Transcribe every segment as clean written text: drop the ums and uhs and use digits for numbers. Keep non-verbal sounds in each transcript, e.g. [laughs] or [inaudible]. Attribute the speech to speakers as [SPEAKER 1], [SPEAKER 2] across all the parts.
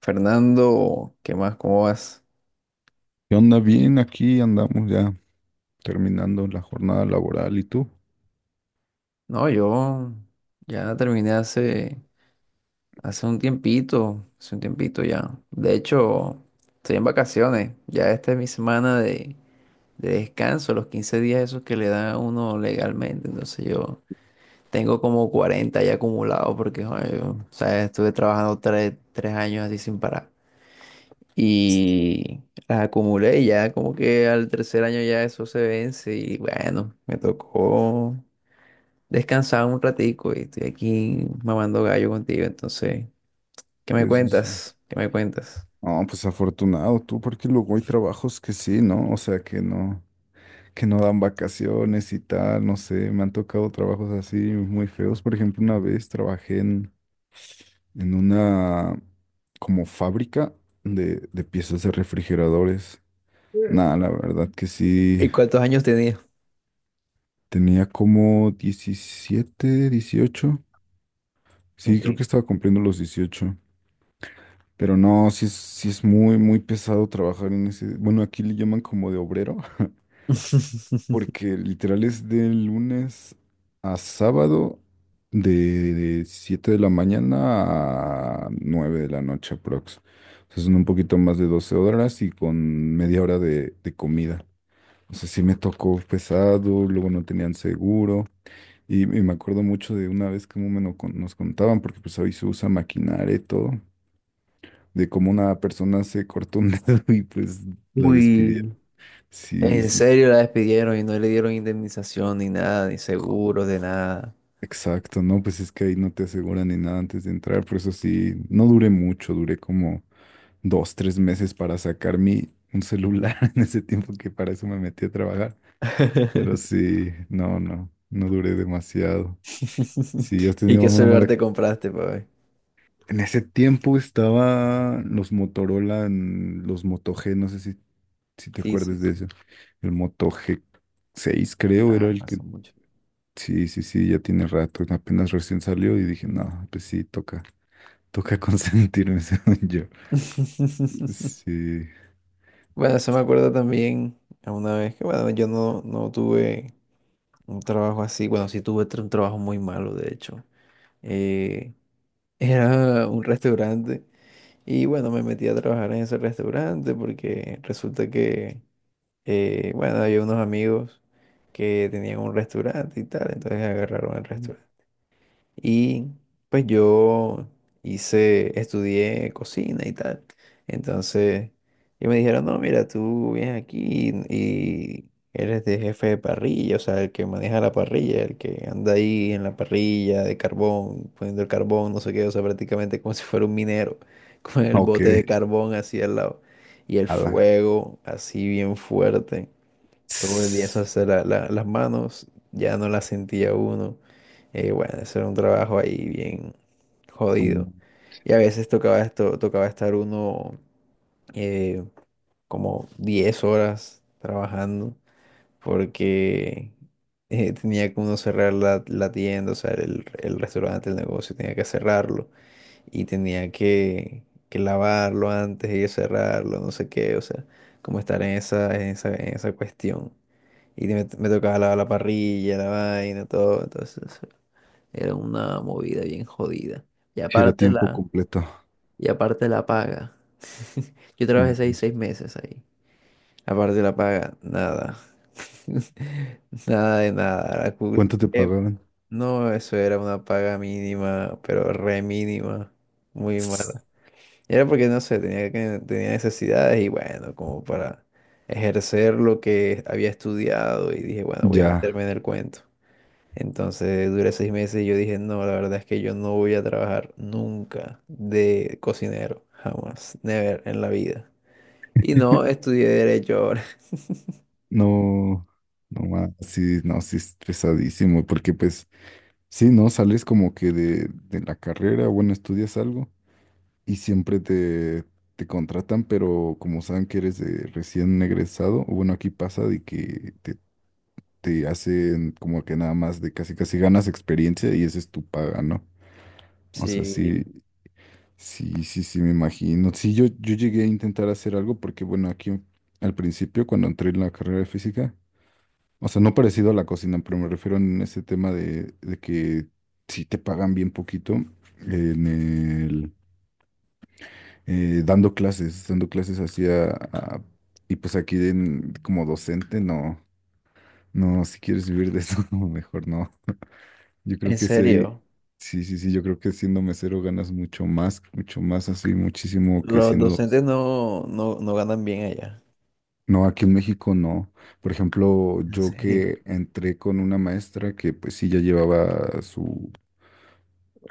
[SPEAKER 1] Fernando, ¿qué más? ¿Cómo vas?
[SPEAKER 2] ¿Qué onda? Bien, aquí andamos ya terminando la jornada laboral. ¿Y tú?
[SPEAKER 1] No, yo ya terminé hace, hace un tiempito ya. De hecho, estoy en vacaciones. Ya esta es mi semana de descanso, los 15 días esos que le da a uno legalmente. Entonces yo tengo como 40 ya acumulados porque, joder, yo, o sea, estuve trabajando tres años así sin parar. Y las acumulé y ya como que al tercer año ya eso se vence y bueno, me tocó descansaba un ratico y estoy aquí mamando gallo contigo. Entonces, ¿qué me
[SPEAKER 2] Sí, sí, sí.
[SPEAKER 1] cuentas? ¿Qué me cuentas?
[SPEAKER 2] No, pues afortunado tú, porque luego hay trabajos que sí, ¿no? O sea, que no, dan vacaciones y tal, no sé, me han tocado trabajos así muy feos. Por ejemplo, una vez trabajé en, una como fábrica de piezas de refrigeradores. Nada, la verdad que sí,
[SPEAKER 1] ¿Y cuántos años tenía?
[SPEAKER 2] tenía como 17, 18. Sí, creo
[SPEAKER 1] Ok.
[SPEAKER 2] que estaba cumpliendo los 18. Pero no, sí es muy, muy pesado trabajar en ese. Bueno, aquí le llaman como de obrero, [laughs]
[SPEAKER 1] [laughs]
[SPEAKER 2] porque literal es de lunes a sábado, de 7 de la mañana a 9 de la noche, aprox. O sea, son un poquito más de 12 horas y con media hora de comida. O sea, sí me tocó pesado, luego no tenían seguro. Y me acuerdo mucho de una vez que nos contaban, porque pues hoy se usa maquinaria y todo de cómo una persona se cortó un dedo [laughs] y pues la despidieron.
[SPEAKER 1] Uy,
[SPEAKER 2] Sí,
[SPEAKER 1] en
[SPEAKER 2] sí, sí.
[SPEAKER 1] serio la despidieron y no le dieron indemnización ni nada, ni seguros de nada.
[SPEAKER 2] Exacto, no, pues es que ahí no te aseguran ni nada antes de entrar, por eso sí, no duré mucho, duré como 2, 3 meses para sacar mi un celular [laughs] en ese tiempo que para eso me metí a trabajar, pero
[SPEAKER 1] [laughs]
[SPEAKER 2] sí, no, no, no duré demasiado. Si has
[SPEAKER 1] ¿Y
[SPEAKER 2] tenido
[SPEAKER 1] qué
[SPEAKER 2] una
[SPEAKER 1] celular
[SPEAKER 2] mala.
[SPEAKER 1] te compraste, papi?
[SPEAKER 2] En ese tiempo estaban los Motorola, en los Moto G, no sé si, te
[SPEAKER 1] Sí, sí,
[SPEAKER 2] acuerdas de
[SPEAKER 1] sí.
[SPEAKER 2] eso. El Moto g seis creo era
[SPEAKER 1] Ah,
[SPEAKER 2] el
[SPEAKER 1] pasó
[SPEAKER 2] que.
[SPEAKER 1] mucho.
[SPEAKER 2] Sí, sí, sí, ya tiene rato. Apenas recién salió y dije, no, pues sí, toca consentirme, [laughs] según yo.
[SPEAKER 1] [laughs]
[SPEAKER 2] Sí,
[SPEAKER 1] Bueno, eso me acuerdo también a una vez que, bueno, yo no, no tuve. Un trabajo así, bueno, sí tuve un trabajo muy malo, de hecho. Eh, [laughs] era un restaurante y bueno, me metí a trabajar en ese restaurante porque resulta que, bueno, había unos amigos que tenían un restaurante y tal, entonces agarraron el restaurante. Y pues yo hice, estudié cocina y tal. Entonces, y me dijeron, no, mira, tú vienes aquí y eres de jefe de parrilla, o sea, el que maneja la parrilla, el que anda ahí en la parrilla de carbón, poniendo el carbón, no sé qué, o sea, prácticamente como [laughs] si fuera un minero, [laughs] con el
[SPEAKER 2] ok,
[SPEAKER 1] bote de carbón así al lado y el
[SPEAKER 2] ala.
[SPEAKER 1] fuego así bien fuerte. Todo el día eso hacer las manos, ya no las sentía uno. Bueno, eso era un trabajo ahí bien
[SPEAKER 2] Como.
[SPEAKER 1] jodido. Y a veces tocaba esto, tocaba estar uno eh, como 10 horas trabajando porque tenía que uno cerrar la tienda, o sea, el restaurante, el negocio, tenía que cerrarlo y tenía que lavarlo antes y cerrarlo, no sé qué, o sea, como estar en esa, en esa, en esa cuestión. Y me tocaba lavar la parrilla, la vaina, todo, entonces era una movida bien jodida. Y
[SPEAKER 2] Si era
[SPEAKER 1] aparte
[SPEAKER 2] tiempo
[SPEAKER 1] la,
[SPEAKER 2] completo.
[SPEAKER 1] y aparte la paga. [laughs] Yo
[SPEAKER 2] No.
[SPEAKER 1] trabajé seis meses ahí. Aparte de la paga, nada. [laughs] Nada de nada.
[SPEAKER 2] ¿Cuánto te
[SPEAKER 1] Eh,
[SPEAKER 2] pagaban?
[SPEAKER 1] no, eso era una paga mínima, pero re mínima. Muy
[SPEAKER 2] Tss.
[SPEAKER 1] mala. Y era porque, no sé, tenía, tenía necesidades y bueno, como para ejercer lo que había estudiado y dije, bueno, voy a
[SPEAKER 2] Ya,
[SPEAKER 1] meterme en el cuento. Entonces duré 6 meses y yo dije, no, la verdad es que yo no voy a trabajar nunca de cocinero, jamás, never en la vida. Y no, estudié derecho ahora. [laughs]
[SPEAKER 2] no, no más, sí, no, sí, es pesadísimo, porque pues. Sí, ¿no? Sales como que de, la carrera, bueno, estudias algo y siempre te contratan, pero como saben que eres de recién egresado, o bueno, aquí pasa de que te hacen como que nada más de casi casi ganas experiencia y esa es tu paga, ¿no? O sea, sí,
[SPEAKER 1] Sí,
[SPEAKER 2] sí, sí, sí, me imagino. Sí, yo llegué a intentar hacer algo porque, bueno, aquí al principio, cuando entré en la carrera de física, o sea, no parecido a la cocina, pero me refiero en ese tema de que si te pagan bien poquito en el, dando clases así y pues aquí como docente, no, no, si quieres vivir de eso, [laughs] no, mejor no. Yo creo
[SPEAKER 1] en
[SPEAKER 2] que sí hay,
[SPEAKER 1] serio,
[SPEAKER 2] sí, sí, sí, yo creo que siendo mesero ganas mucho más así, muchísimo que
[SPEAKER 1] los
[SPEAKER 2] siendo.
[SPEAKER 1] docentes no ganan bien allá.
[SPEAKER 2] No, aquí en México no. Por ejemplo,
[SPEAKER 1] En
[SPEAKER 2] yo
[SPEAKER 1] serio.
[SPEAKER 2] que entré con una maestra que pues sí ya llevaba su.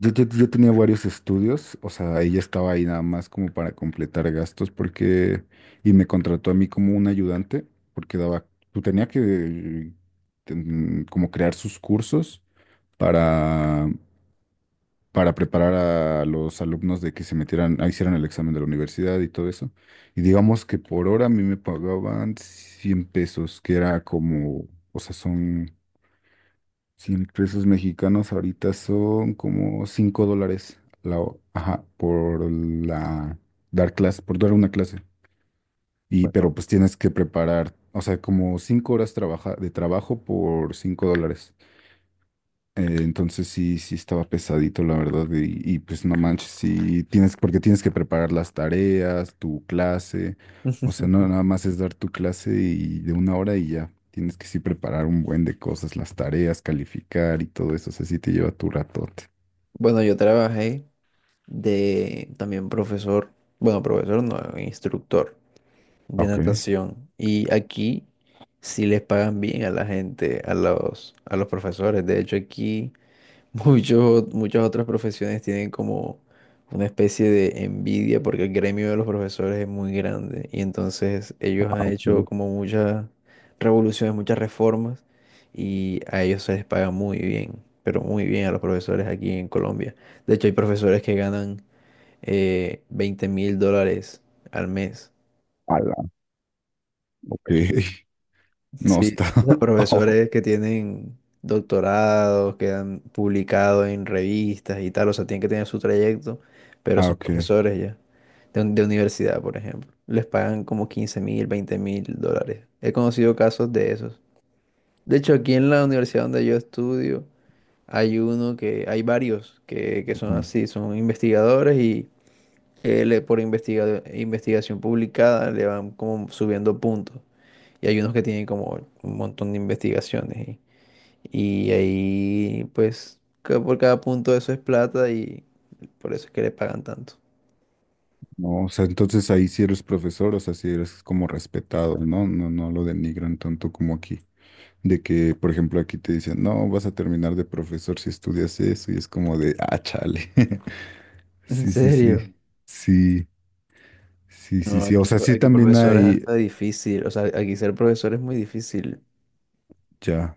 [SPEAKER 2] Yo tenía varios estudios, o sea, ella estaba ahí nada más como para completar gastos porque, y me contrató a mí como un ayudante, porque daba, tú tenía que como crear sus cursos para, para preparar a los alumnos de que se metieran, a hicieran el examen de la universidad y todo eso. Y digamos que por hora a mí me pagaban 100 pesos, que era como, o sea, son 100 pesos mexicanos ahorita son como 5 dólares la, ajá, por la dar clase, por dar una clase. Y
[SPEAKER 1] Bueno,
[SPEAKER 2] pero pues tienes que preparar, o sea, como 5 horas trabaja, de trabajo por 5 dólares. Entonces sí, sí estaba pesadito, la verdad, pues no manches, sí tienes, porque tienes que preparar las tareas, tu clase, o sea, no
[SPEAKER 1] [laughs]
[SPEAKER 2] nada más es dar tu clase y de una hora y ya, tienes que sí preparar un buen de cosas, las tareas, calificar y todo eso, o sea, sí te lleva tu ratote.
[SPEAKER 1] bueno, yo trabajé. De también profesor, bueno, profesor no, instructor de
[SPEAKER 2] Ok,
[SPEAKER 1] natación. Y aquí sí les pagan bien a la gente, a a los profesores. De hecho, aquí [laughs] muchos, muchas otras profesiones tienen como una especie de envidia porque el gremio de los profesores es muy grande. Y entonces ellos
[SPEAKER 2] ah,
[SPEAKER 1] han
[SPEAKER 2] ok,
[SPEAKER 1] hecho como muchas revoluciones, muchas reformas y a ellos se les paga muy bien. Pero muy bien a los profesores aquí en Colombia. De hecho, hay profesores que ganan 20 mil dólares al mes.
[SPEAKER 2] ala, ok, [laughs] no
[SPEAKER 1] Sí,
[SPEAKER 2] está,
[SPEAKER 1] o
[SPEAKER 2] [laughs]
[SPEAKER 1] sea,
[SPEAKER 2] oh,
[SPEAKER 1] profesores que tienen doctorados, que han publicado en revistas y tal, o sea, tienen que tener su trayecto, pero
[SPEAKER 2] ah,
[SPEAKER 1] son
[SPEAKER 2] ok,
[SPEAKER 1] profesores ya, de universidad, por ejemplo. Les pagan como 15.000, $20.000. He conocido casos de esos. De hecho, aquí en la universidad donde yo estudio, hay uno que, hay varios que son
[SPEAKER 2] ujú.
[SPEAKER 1] así, son investigadores investigación publicada le van como subiendo puntos. Y hay unos que tienen como un montón de investigaciones. Y ahí, pues, por cada punto eso es plata y por eso es que le pagan tanto.
[SPEAKER 2] No, o sea, entonces ahí sí eres profesor, o sea, sí eres como respetado, ¿no? No, no lo denigran tanto como aquí. De que, por ejemplo, aquí te dicen, no, vas a terminar de profesor si estudias eso, y es como de, ah, chale. [laughs]
[SPEAKER 1] [laughs] ¿En
[SPEAKER 2] Sí, sí, sí.
[SPEAKER 1] serio?
[SPEAKER 2] Sí, sí, sí,
[SPEAKER 1] No,
[SPEAKER 2] sí. O
[SPEAKER 1] aquí,
[SPEAKER 2] sea, sí
[SPEAKER 1] aquí
[SPEAKER 2] también
[SPEAKER 1] profesor es
[SPEAKER 2] hay,
[SPEAKER 1] hasta difícil. O sea, aquí ser profesor es muy difícil.
[SPEAKER 2] ya.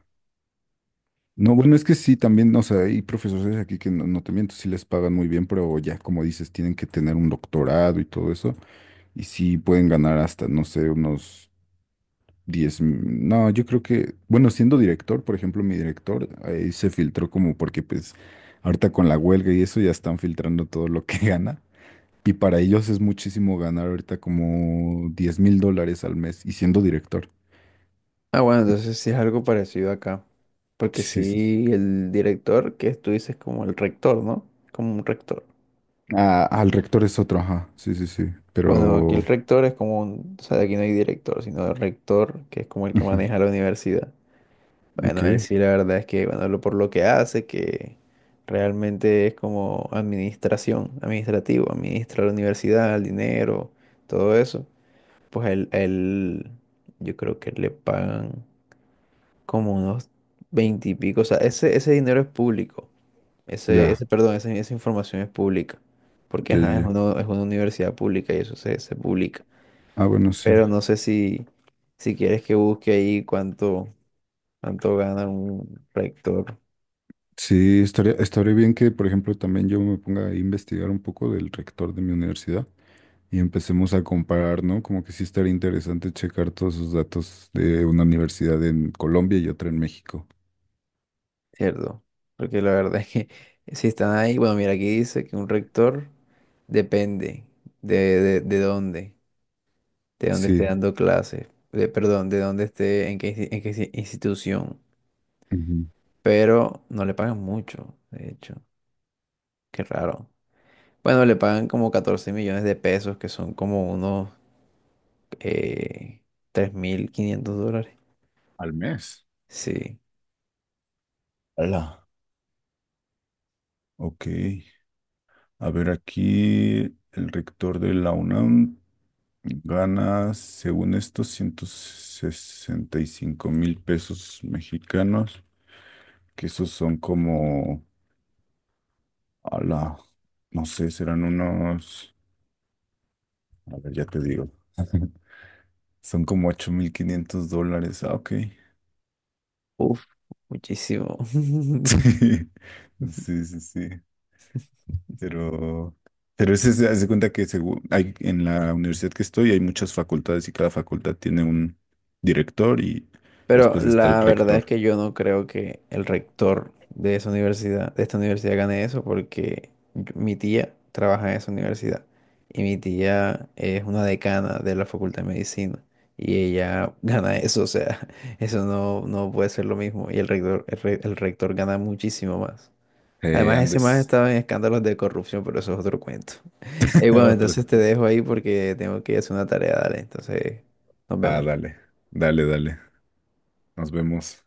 [SPEAKER 2] No, bueno, es que sí, también, o sea, hay profesores aquí que no, no te miento, sí les pagan muy bien, pero ya, como dices, tienen que tener un doctorado y todo eso. Y sí pueden ganar hasta, no sé, unos 10 no, yo creo que, bueno, siendo director, por ejemplo, mi director, ahí se filtró como porque pues ahorita con la huelga y eso ya están filtrando todo lo que [laughs] gana. Y para ellos es muchísimo ganar ahorita como 10,000 dólares al mes y siendo director.
[SPEAKER 1] Ah, bueno, entonces sí es algo parecido acá. Porque
[SPEAKER 2] Sí, sí. Sí.
[SPEAKER 1] sí, el director, que tú dices como el rector, ¿no? Como un rector.
[SPEAKER 2] Ah, al rector es otro, ajá. Sí, sí, sí.
[SPEAKER 1] Bueno, aquí el
[SPEAKER 2] Pero,
[SPEAKER 1] rector es como un, o sea, aquí no hay director, sino el rector, que es como el que
[SPEAKER 2] ujú,
[SPEAKER 1] maneja la universidad.
[SPEAKER 2] ok,
[SPEAKER 1] Bueno, él sí, la verdad es que, bueno, por lo que hace, que realmente es como administración, administrativo, administra la universidad, el dinero, todo eso. Pues yo creo que le pagan como unos 20 y pico. O sea, ese dinero es público,
[SPEAKER 2] ya,
[SPEAKER 1] esa información es pública, porque
[SPEAKER 2] ya, ya.
[SPEAKER 1] ajá,
[SPEAKER 2] Ya.
[SPEAKER 1] es una universidad pública y eso se publica.
[SPEAKER 2] Ah, bueno, sí.
[SPEAKER 1] Pero no sé si, si quieres que busque ahí cuánto, cuánto gana un rector,
[SPEAKER 2] Sí, estaría bien que, por ejemplo, también yo me ponga a investigar un poco del rector de mi universidad y empecemos a comparar, ¿no? Como que sí estaría interesante checar todos esos datos de una universidad en Colombia y otra en México.
[SPEAKER 1] ¿cierto? Porque la verdad es que [laughs] si están ahí, bueno, mira, aquí dice que un rector depende de, de, de dónde, de dónde esté
[SPEAKER 2] Sí.
[SPEAKER 1] dando clases, de, perdón, de dónde esté, en qué, institución.
[SPEAKER 2] Ujú.
[SPEAKER 1] Pero no le pagan mucho, de hecho, qué raro. Bueno, le pagan como 14 millones de pesos, que son como unos eh, $3.500.
[SPEAKER 2] Al mes.
[SPEAKER 1] Sí.
[SPEAKER 2] Hola. Ok. A ver, aquí el rector de la UNAM gana, según esto, 165,000 pesos mexicanos, que esos son como, ala, no sé, serán unos, a ver, ya te digo. [laughs] Son como 8,500 dólares. Ah, ok.
[SPEAKER 1] Uf, muchísimo. [laughs]
[SPEAKER 2] [laughs] Sí, sí, sí. Sí. Pero, pero ese se hace cuenta que según hay, en la universidad que estoy hay muchas facultades y cada facultad tiene un director y
[SPEAKER 1] Pero
[SPEAKER 2] después está el
[SPEAKER 1] la verdad es
[SPEAKER 2] rector.
[SPEAKER 1] que yo no creo que el rector de esa universidad, de esta universidad gane eso porque mi tía trabaja en esa universidad y mi tía es una decana de la Facultad de Medicina y ella [laughs] gana eso, o sea, [laughs] eso no, no puede ser lo mismo y el rector, el rector gana muchísimo más. Además, ese más
[SPEAKER 2] Andes,
[SPEAKER 1] estaba en escándalos de corrupción, pero eso es otro cuento.
[SPEAKER 2] [laughs]
[SPEAKER 1] Bueno,
[SPEAKER 2] otro.
[SPEAKER 1] entonces te dejo ahí porque tengo que ir a hacer una tarea, dale. Entonces, nos
[SPEAKER 2] Ah,
[SPEAKER 1] vemos.
[SPEAKER 2] dale, dale, dale. Nos vemos.